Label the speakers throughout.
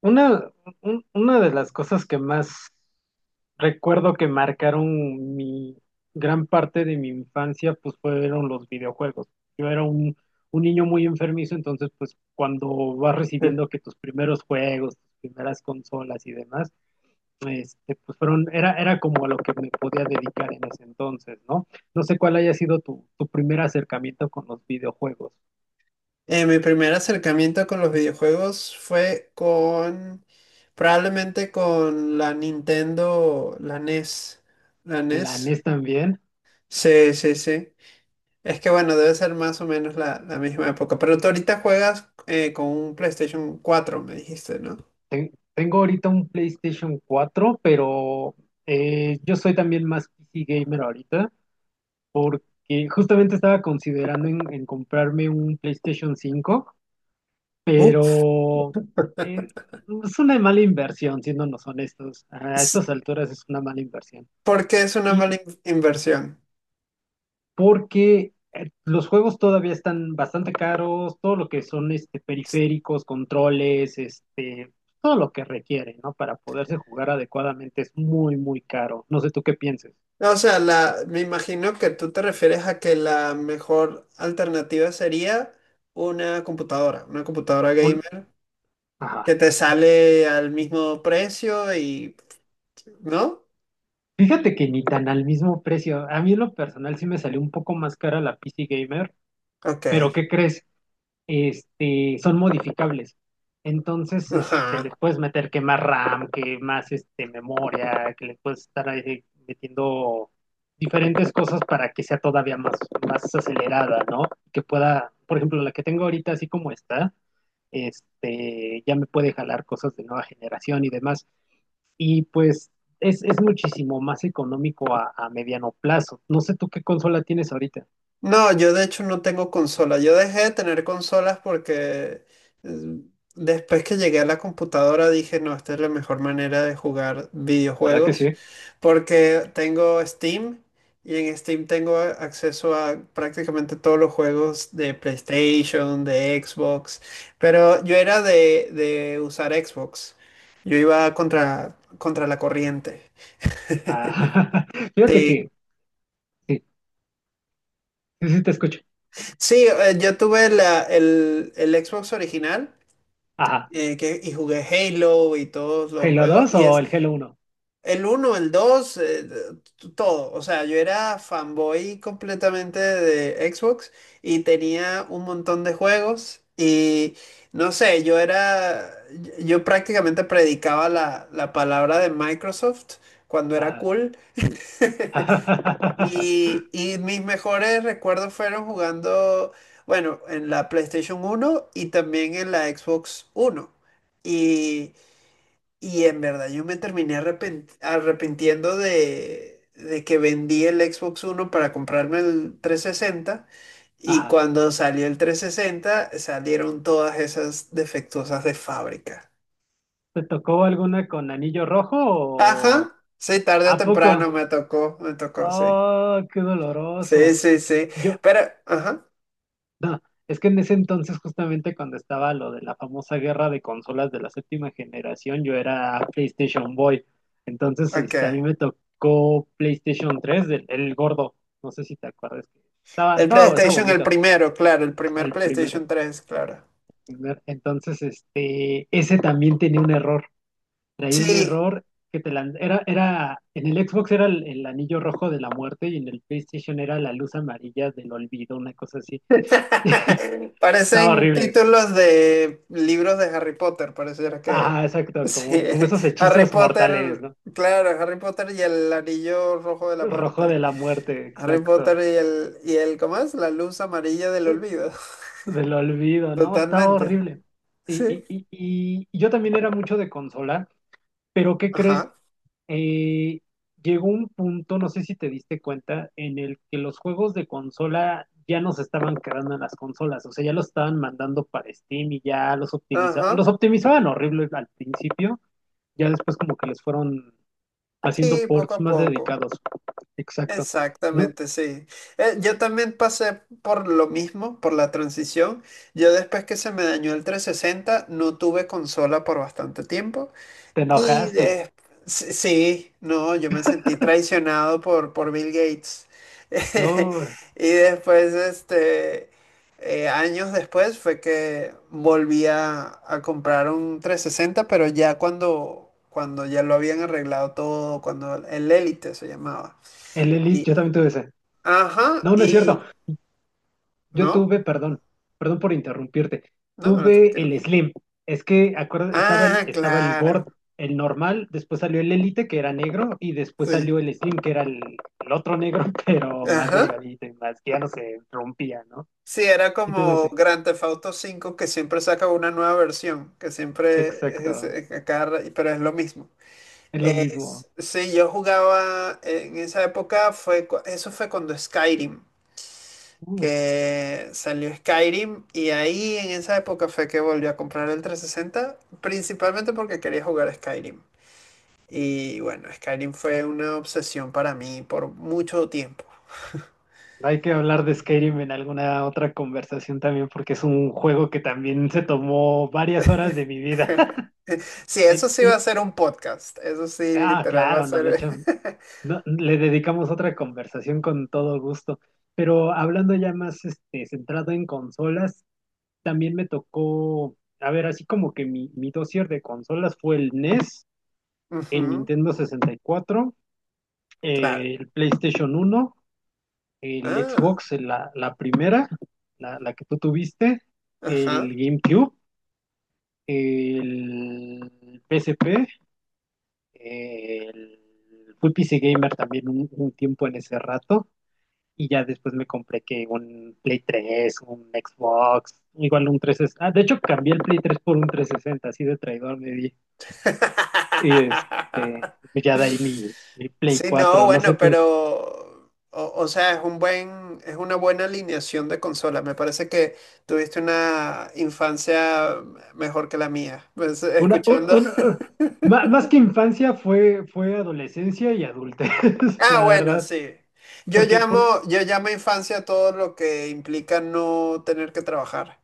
Speaker 1: Una, una de las cosas que más recuerdo que marcaron mi gran parte de mi infancia, pues fueron los videojuegos. Yo era un niño muy enfermizo, entonces pues cuando vas recibiendo que tus primeros juegos, tus primeras consolas y demás, este, pues era como a lo que me podía dedicar en ese entonces, ¿no? No sé cuál haya sido tu primer acercamiento con los videojuegos.
Speaker 2: Mi primer acercamiento con los videojuegos fue probablemente con la Nintendo, la NES. La
Speaker 1: ¿La
Speaker 2: NES.
Speaker 1: NES también?
Speaker 2: Sí, sí, sí. Es que bueno, debe ser más o menos la misma época. Pero tú ahorita juegas con un PlayStation 4, me dijiste, ¿no?
Speaker 1: Tengo ahorita un PlayStation cuatro, pero yo soy también más PC gamer ahorita, porque justamente estaba considerando en comprarme un PlayStation cinco,
Speaker 2: Uf,
Speaker 1: pero eh, es una mala inversión, siéndonos honestos. A
Speaker 2: s-
Speaker 1: estas alturas es una mala inversión.
Speaker 2: ¿por qué es una
Speaker 1: Y,
Speaker 2: mala inversión?
Speaker 1: porque los juegos todavía están bastante caros, todo lo que son este, periféricos, controles, este, todo lo que requiere, ¿no? Para poderse jugar adecuadamente es muy caro. No sé tú qué pienses.
Speaker 2: O sea, me imagino que tú te refieres a que la mejor alternativa sería una computadora
Speaker 1: Un,
Speaker 2: gamer
Speaker 1: ajá.
Speaker 2: que te sale al mismo precio y, ¿no?
Speaker 1: Fíjate que ni tan al mismo precio. A mí en lo personal sí me salió un poco más cara la PC Gamer,
Speaker 2: Ok.
Speaker 1: pero ¿qué crees? Este, son modificables. Entonces, este, les
Speaker 2: Ajá.
Speaker 1: puedes meter que más RAM, que más este, memoria, que le puedes estar ahí metiendo diferentes cosas para que sea todavía más, más acelerada, ¿no? Que pueda, por ejemplo, la que tengo ahorita así como está, este, ya me puede jalar cosas de nueva generación y demás. Y pues es muchísimo más económico a mediano plazo. No sé tú qué consola tienes ahorita.
Speaker 2: No, yo de hecho no tengo consola. Yo dejé de tener consolas porque eh, después que llegué a la computadora dije, no, esta es la mejor manera de jugar
Speaker 1: ¿Verdad que
Speaker 2: videojuegos
Speaker 1: sí?
Speaker 2: porque tengo Steam y en Steam tengo acceso a prácticamente todos los juegos de PlayStation, de Xbox, pero yo era de usar Xbox. Yo iba contra la corriente.
Speaker 1: Ah, fíjate
Speaker 2: Sí,
Speaker 1: que sí. Sí, sí, te escucho.
Speaker 2: sí, yo tuve el Xbox original.
Speaker 1: Ajá.
Speaker 2: Y jugué Halo y todos los
Speaker 1: ¿Halo
Speaker 2: juegos.
Speaker 1: 2
Speaker 2: Y
Speaker 1: o
Speaker 2: es
Speaker 1: el Halo uno?
Speaker 2: el uno el 2 todo. O sea, yo era fanboy completamente de Xbox y tenía un montón de juegos. Y no sé, yo prácticamente predicaba la palabra de Microsoft cuando era
Speaker 1: Ajá.
Speaker 2: cool. Y mis mejores recuerdos fueron jugando, bueno, en la PlayStation 1 y también en la Xbox 1 y Y en verdad yo me terminé arrepintiendo de que vendí el Xbox One para comprarme el 360 y
Speaker 1: Ajá.
Speaker 2: cuando salió el 360 salieron todas esas defectuosas de fábrica.
Speaker 1: ¿Te tocó alguna con anillo rojo o
Speaker 2: Ajá, sí, tarde o
Speaker 1: a
Speaker 2: temprano
Speaker 1: poco?
Speaker 2: me tocó, sí.
Speaker 1: Oh, qué
Speaker 2: Sí,
Speaker 1: doloroso.
Speaker 2: sí, sí.
Speaker 1: Yo,
Speaker 2: Pero, ajá,
Speaker 1: no, es que en ese entonces, justamente cuando estaba lo de la famosa guerra de consolas de la séptima generación, yo era PlayStation Boy. Entonces,
Speaker 2: ok.
Speaker 1: este, a mí me tocó PlayStation tres el gordo. No sé si te acuerdas que estaba,
Speaker 2: El
Speaker 1: estaba, estaba
Speaker 2: PlayStation, el
Speaker 1: bonito
Speaker 2: primero, claro, el primer
Speaker 1: el primero.
Speaker 2: PlayStation 3, claro.
Speaker 1: ¿Verdad? Entonces, este, ese también tenía un error. Traía un
Speaker 2: Sí.
Speaker 1: error que te lan- era, era, en el Xbox era el anillo rojo de la muerte y en el PlayStation era la luz amarilla del olvido, una cosa así. Estaba
Speaker 2: Parecen
Speaker 1: horrible.
Speaker 2: títulos de libros de Harry Potter, pareciera que...
Speaker 1: Ajá, exacto,
Speaker 2: Sí.
Speaker 1: como, como esos
Speaker 2: Harry
Speaker 1: hechizos mortales,
Speaker 2: Potter,
Speaker 1: ¿no?
Speaker 2: claro, Harry Potter y el anillo rojo de la
Speaker 1: Rojo
Speaker 2: muerte.
Speaker 1: de la muerte,
Speaker 2: Harry Potter
Speaker 1: exacto.
Speaker 2: y el, ¿cómo es? La luz amarilla del olvido.
Speaker 1: Del olvido, ¿no? Estaba
Speaker 2: Totalmente.
Speaker 1: horrible. Y,
Speaker 2: Sí.
Speaker 1: y, y, y y yo también era mucho de consola, pero ¿qué crees?
Speaker 2: Ajá.
Speaker 1: eh, llegó un punto, no sé si te diste cuenta, en el que los juegos de consola ya no se estaban quedando en las consolas, o sea, ya los estaban mandando para Steam y ya los optimizaban, los
Speaker 2: Ajá.
Speaker 1: optimizaban horrible al principio, ya después como que les fueron haciendo
Speaker 2: Sí, poco
Speaker 1: ports
Speaker 2: a
Speaker 1: más
Speaker 2: poco.
Speaker 1: dedicados. Exacto. No,
Speaker 2: Exactamente, sí. Yo también pasé por lo mismo, por la transición. Yo después que se me dañó el 360 no tuve consola por bastante tiempo.
Speaker 1: te
Speaker 2: Y
Speaker 1: enojaste.
Speaker 2: sí, no, yo me sentí traicionado por Bill Gates.
Speaker 1: Yo,
Speaker 2: Y después, este, años después fue que volví a comprar un 360 pero ya cuando ya lo habían arreglado todo, cuando el Elite se llamaba.
Speaker 1: el
Speaker 2: Y,
Speaker 1: Elite, yo también tuve ese.
Speaker 2: ajá,
Speaker 1: No, no es
Speaker 2: y,
Speaker 1: cierto. Yo
Speaker 2: no,
Speaker 1: tuve, perdón, perdón por interrumpirte,
Speaker 2: no, no,
Speaker 1: tuve
Speaker 2: tranquilo.
Speaker 1: el Slim. Es que acuerda,
Speaker 2: Ah, claro,
Speaker 1: El normal, después salió el Elite, que era negro, y después
Speaker 2: sí.
Speaker 1: salió el Slim, que era el otro negro, pero más
Speaker 2: Ajá.
Speaker 1: delgadito y más, que ya no se rompía, ¿no?
Speaker 2: Sí, era
Speaker 1: Sí tuve
Speaker 2: como
Speaker 1: ese.
Speaker 2: Grand Theft Auto 5 que siempre saca una nueva versión, que siempre es,
Speaker 1: Exacto,
Speaker 2: es pero es lo mismo.
Speaker 1: es lo mismo.
Speaker 2: Sí, yo jugaba en esa época, eso fue cuando Skyrim,
Speaker 1: Uy,
Speaker 2: que salió Skyrim y ahí en esa época fue que volví a comprar el 360 principalmente porque quería jugar Skyrim. Y bueno, Skyrim fue una obsesión para mí por mucho tiempo.
Speaker 1: hay que hablar de Skyrim en alguna otra conversación también, porque es un juego que también se tomó varias horas de mi vida.
Speaker 2: Sí,
Speaker 1: En-
Speaker 2: eso sí va a
Speaker 1: y-
Speaker 2: ser un podcast, eso sí,
Speaker 1: ah,
Speaker 2: literal va a
Speaker 1: claro, no lo he
Speaker 2: ser...
Speaker 1: hecho. No, le dedicamos otra conversación con todo gusto. Pero hablando ya más este, centrado en consolas, también me tocó, a ver, así como que mi dossier de consolas fue el NES, el
Speaker 2: Ujú,
Speaker 1: Nintendo 64,
Speaker 2: claro.
Speaker 1: el PlayStation uno, el
Speaker 2: Ah,
Speaker 1: Xbox, la primera, la que tú tuviste, el
Speaker 2: ajá.
Speaker 1: GameCube, el P PSP, el... Fui PC Gamer también un tiempo en ese rato. Y ya después me compré que un Play tres, un Xbox, igual un 360. Ah, de hecho, cambié el Play tres por un 360 así de traidor me di. Y este, ya de ahí mi Play
Speaker 2: Sí, no,
Speaker 1: cuatro, no
Speaker 2: bueno,
Speaker 1: sé tú.
Speaker 2: pero, o sea, es una buena alineación de consola. Me parece que tuviste una infancia mejor que la mía. Pues,
Speaker 1: Una, un-
Speaker 2: escuchando.
Speaker 1: una- ma- más que infancia fue adolescencia y adultez,
Speaker 2: Ah,
Speaker 1: la
Speaker 2: bueno,
Speaker 1: verdad.
Speaker 2: sí. Yo
Speaker 1: Porque,
Speaker 2: llamo,
Speaker 1: por,
Speaker 2: yo llamo infancia todo lo que implica no tener que trabajar.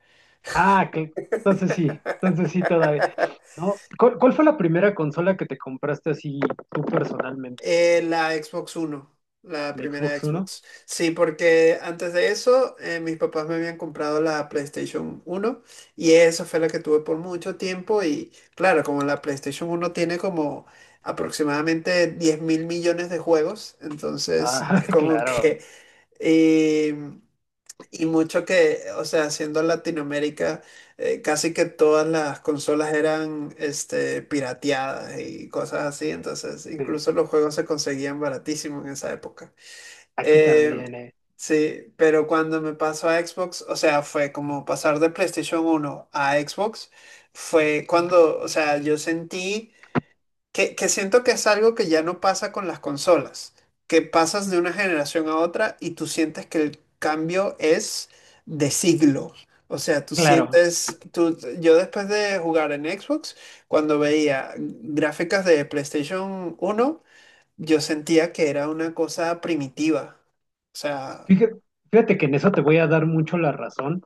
Speaker 1: ah, que, entonces sí todavía. ¿No? ¿Cuál fue la primera consola que te compraste así tú personalmente?
Speaker 2: La Xbox One, la
Speaker 1: ¿El
Speaker 2: primera
Speaker 1: Xbox One?
Speaker 2: Xbox. Sí, porque antes de eso, mis papás me habían comprado la PlayStation 1 y esa fue la que tuve por mucho tiempo y claro, como la PlayStation 1 tiene como aproximadamente 10.000.000.000 de juegos, entonces
Speaker 1: Ah,
Speaker 2: es como que...
Speaker 1: claro,
Speaker 2: em, y mucho que, o sea, siendo Latinoamérica, casi que todas las consolas eran este, pirateadas y cosas así, entonces
Speaker 1: sí.
Speaker 2: incluso los juegos se conseguían baratísimos en esa época.
Speaker 1: Aquí
Speaker 2: Eh,
Speaker 1: también, eh.
Speaker 2: sí, pero cuando me pasó a Xbox, o sea, fue como pasar de PlayStation 1 a Xbox, fue cuando, o sea, yo sentí que siento que es algo que ya no pasa con las consolas, que pasas de una generación a otra y tú sientes que el cambio es de siglo. O sea,
Speaker 1: Claro.
Speaker 2: yo después de jugar en Xbox, cuando veía gráficas de PlayStation 1 yo sentía que era una cosa primitiva. O sea,
Speaker 1: Fíjate, fíjate que en eso te voy a dar mucho la razón.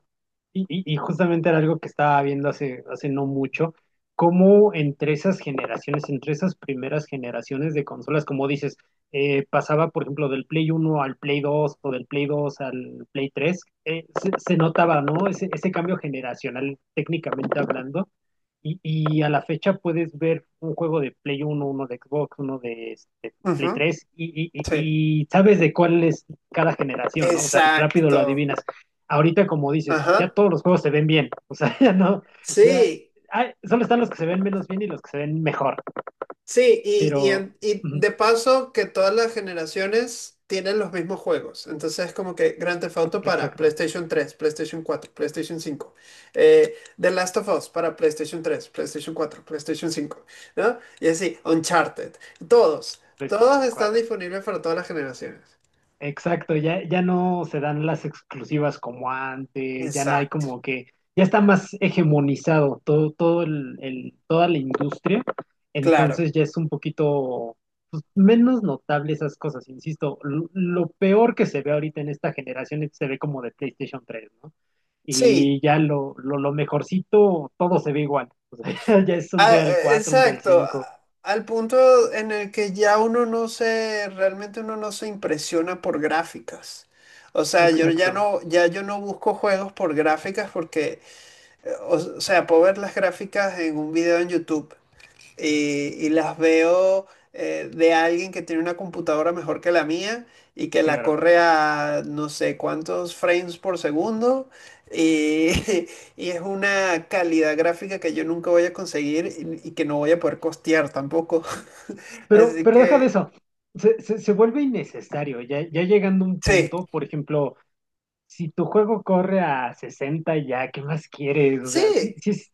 Speaker 1: Y justamente era algo que estaba viendo hace no mucho, cómo entre esas generaciones, entre esas primeras generaciones de consolas, como dices, pasaba, por ejemplo, del Play uno al Play dos o del Play dos al Play tres, se notaba, ¿no? Ese cambio generacional, técnicamente hablando. Y a la fecha puedes ver un juego de Play uno, uno de Xbox, uno de este, Play
Speaker 2: ujú,
Speaker 1: tres, y, y,
Speaker 2: sí.
Speaker 1: y y sabes de cuál es cada generación, ¿no? O sea, rápido lo
Speaker 2: Exacto.
Speaker 1: adivinas ahorita como dices, ya
Speaker 2: Ajá.
Speaker 1: todos los juegos se ven bien, o sea, ya no, ya,
Speaker 2: Sí.
Speaker 1: ay, solo están los que se ven menos bien y los que se ven mejor,
Speaker 2: Sí, y, y,
Speaker 1: pero,
Speaker 2: en- y
Speaker 1: ujú,
Speaker 2: de paso que todas las generaciones tienen los mismos juegos. Entonces es como que Grand Theft Auto para
Speaker 1: exacto,
Speaker 2: PlayStation 3 PlayStation 4 PlayStation 5 The Last of Us para PlayStation 3 PlayStation 4 PlayStation cinco, ¿no? Y así, Uncharted. Todos, todos
Speaker 1: PlayStation
Speaker 2: están
Speaker 1: cuatro.
Speaker 2: disponibles para todas las generaciones.
Speaker 1: Exacto, ya no se dan las exclusivas como antes, ya no hay
Speaker 2: Exacto,
Speaker 1: como que, ya está más hegemonizado todo, toda la industria,
Speaker 2: claro.
Speaker 1: entonces ya es un poquito pues, menos notable esas cosas, insisto, lo peor que se ve ahorita en esta generación es- se ve como de PlayStation tres, ¿no? Y
Speaker 2: Sí.
Speaker 1: ya lo mejorcito, todo se ve igual. O sea, ya es un
Speaker 2: Ah,
Speaker 1: Real cuatro, un Real
Speaker 2: exacto,
Speaker 1: cinco.
Speaker 2: al punto en el que ya uno no se, realmente uno no se impresiona por gráficas. O sea, yo ya
Speaker 1: Exacto,
Speaker 2: no, ya yo no busco juegos por gráficas porque, o sea, puedo ver las gráficas en un video en YouTube, y las veo de alguien que tiene una computadora mejor que la mía y que la
Speaker 1: claro.
Speaker 2: corre a no sé cuántos frames por segundo y, y es una calidad gráfica que yo nunca voy a conseguir y que no voy a poder costear tampoco. Así
Speaker 1: Pero deja de
Speaker 2: que
Speaker 1: eso. Se vuelve innecesario. Ya llegando a un
Speaker 2: sí,
Speaker 1: punto, por ejemplo, si tu juego corre a 60 ya, ¿qué más quieres? O sea, sí,
Speaker 2: sí,
Speaker 1: sí,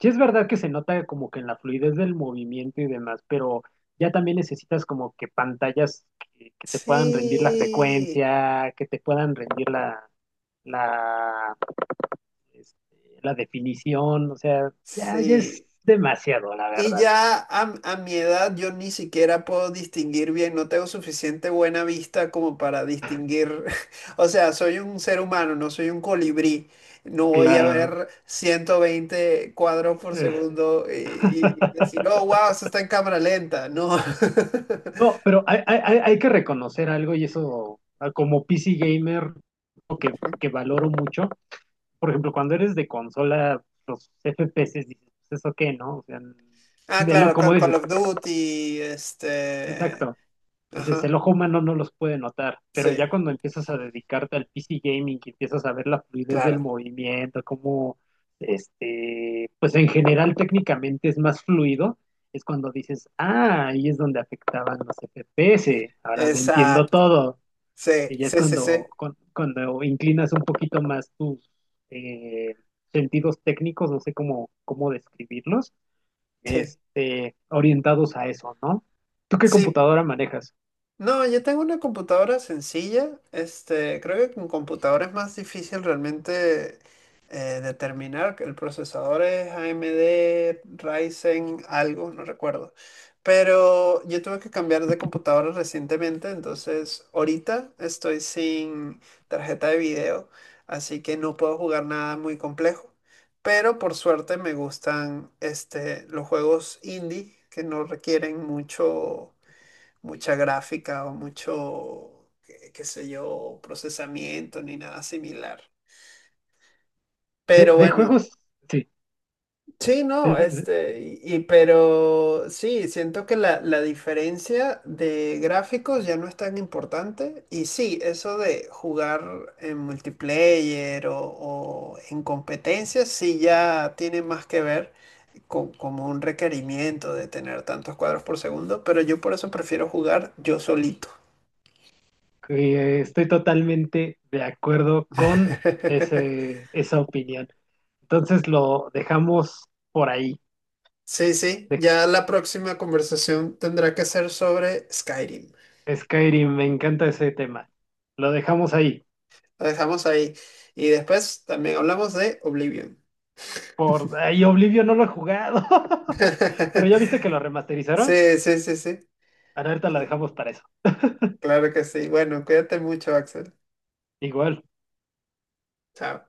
Speaker 1: sí es verdad que se nota como que en la fluidez del movimiento y demás, pero ya también necesitas como que pantallas que te puedan rendir la
Speaker 2: sí,
Speaker 1: frecuencia, que te puedan rendir la, este, la definición, o sea, ya, ya es
Speaker 2: sí.
Speaker 1: demasiado, la
Speaker 2: Y
Speaker 1: verdad.
Speaker 2: ya a mi edad yo ni siquiera puedo distinguir bien, no tengo suficiente buena vista como para distinguir, o sea, soy un ser humano, no soy un colibrí, no voy a
Speaker 1: Claro.
Speaker 2: ver 120 cuadros por
Speaker 1: Eh.
Speaker 2: segundo y decir, oh, wow, eso está en cámara lenta, no.
Speaker 1: No, pero hay que reconocer algo y eso, ah, como PC gamer, lo que valoro mucho, por ejemplo, cuando eres de consola, los FPS, dices, "Pues, ¿eso qué, no? O sea,
Speaker 2: Ah,
Speaker 1: de lo,
Speaker 2: claro,
Speaker 1: como
Speaker 2: Call
Speaker 1: dices,
Speaker 2: of Duty, este,
Speaker 1: exacto, dices, el
Speaker 2: ajá,
Speaker 1: ojo humano no los puede notar,
Speaker 2: sí,
Speaker 1: pero ya cuando empiezas a dedicarte al PC gaming, que empiezas a ver la fluidez del
Speaker 2: claro,
Speaker 1: movimiento, cómo, este, pues en general técnicamente es más fluido, es cuando dices, ah, ahí es donde afectaban los FPS, ahora lo entiendo
Speaker 2: exacto,
Speaker 1: todo.
Speaker 2: sí,
Speaker 1: Y ya es
Speaker 2: sí, sí, sí,
Speaker 1: cuando, cuando inclinas un poquito más tus eh, sentidos técnicos, no sé cómo, describirlos,
Speaker 2: sí,
Speaker 1: este, orientados a eso, ¿no? ¿Tú qué
Speaker 2: sí.
Speaker 1: computadora manejas?
Speaker 2: No, yo tengo una computadora sencilla. Este, creo que con computadora es más difícil realmente determinar que el procesador es AMD Ryzen algo, no recuerdo. Pero yo tuve que cambiar de computadora recientemente, entonces ahorita estoy sin tarjeta de video, así que no puedo jugar nada muy complejo. Pero por suerte me gustan este, los juegos indie que no requieren mucho mucha gráfica o mucho, qué sé yo, procesamiento ni nada similar.
Speaker 1: De,
Speaker 2: Pero
Speaker 1: de
Speaker 2: bueno,
Speaker 1: juegos, sí.
Speaker 2: sí,
Speaker 1: de-
Speaker 2: no,
Speaker 1: de-
Speaker 2: este, y pero sí, siento que la diferencia de gráficos ya no es tan importante. Y sí, eso de jugar en multiplayer o en competencias, sí ya tiene más que ver con como un requerimiento de tener tantos cuadros por segundo, pero yo por eso prefiero jugar yo solito.
Speaker 1: que estoy totalmente de acuerdo con esa opinión. Entonces lo dejamos por ahí.
Speaker 2: Sí, sí,
Speaker 1: Dej-
Speaker 2: ya la próxima conversación tendrá que ser sobre Skyrim.
Speaker 1: Skyrim, me encanta ese tema. Lo dejamos ahí.
Speaker 2: Lo dejamos ahí. Y después también hablamos de Oblivion.
Speaker 1: Por ahí Oblivion no lo he jugado. Pero ya viste que lo remasterizaron.
Speaker 2: Sí, sí, sí, sí.
Speaker 1: Alerta la dejamos para eso.
Speaker 2: Claro que sí. Bueno, cuídate mucho, Axel.
Speaker 1: Igual.
Speaker 2: Chao.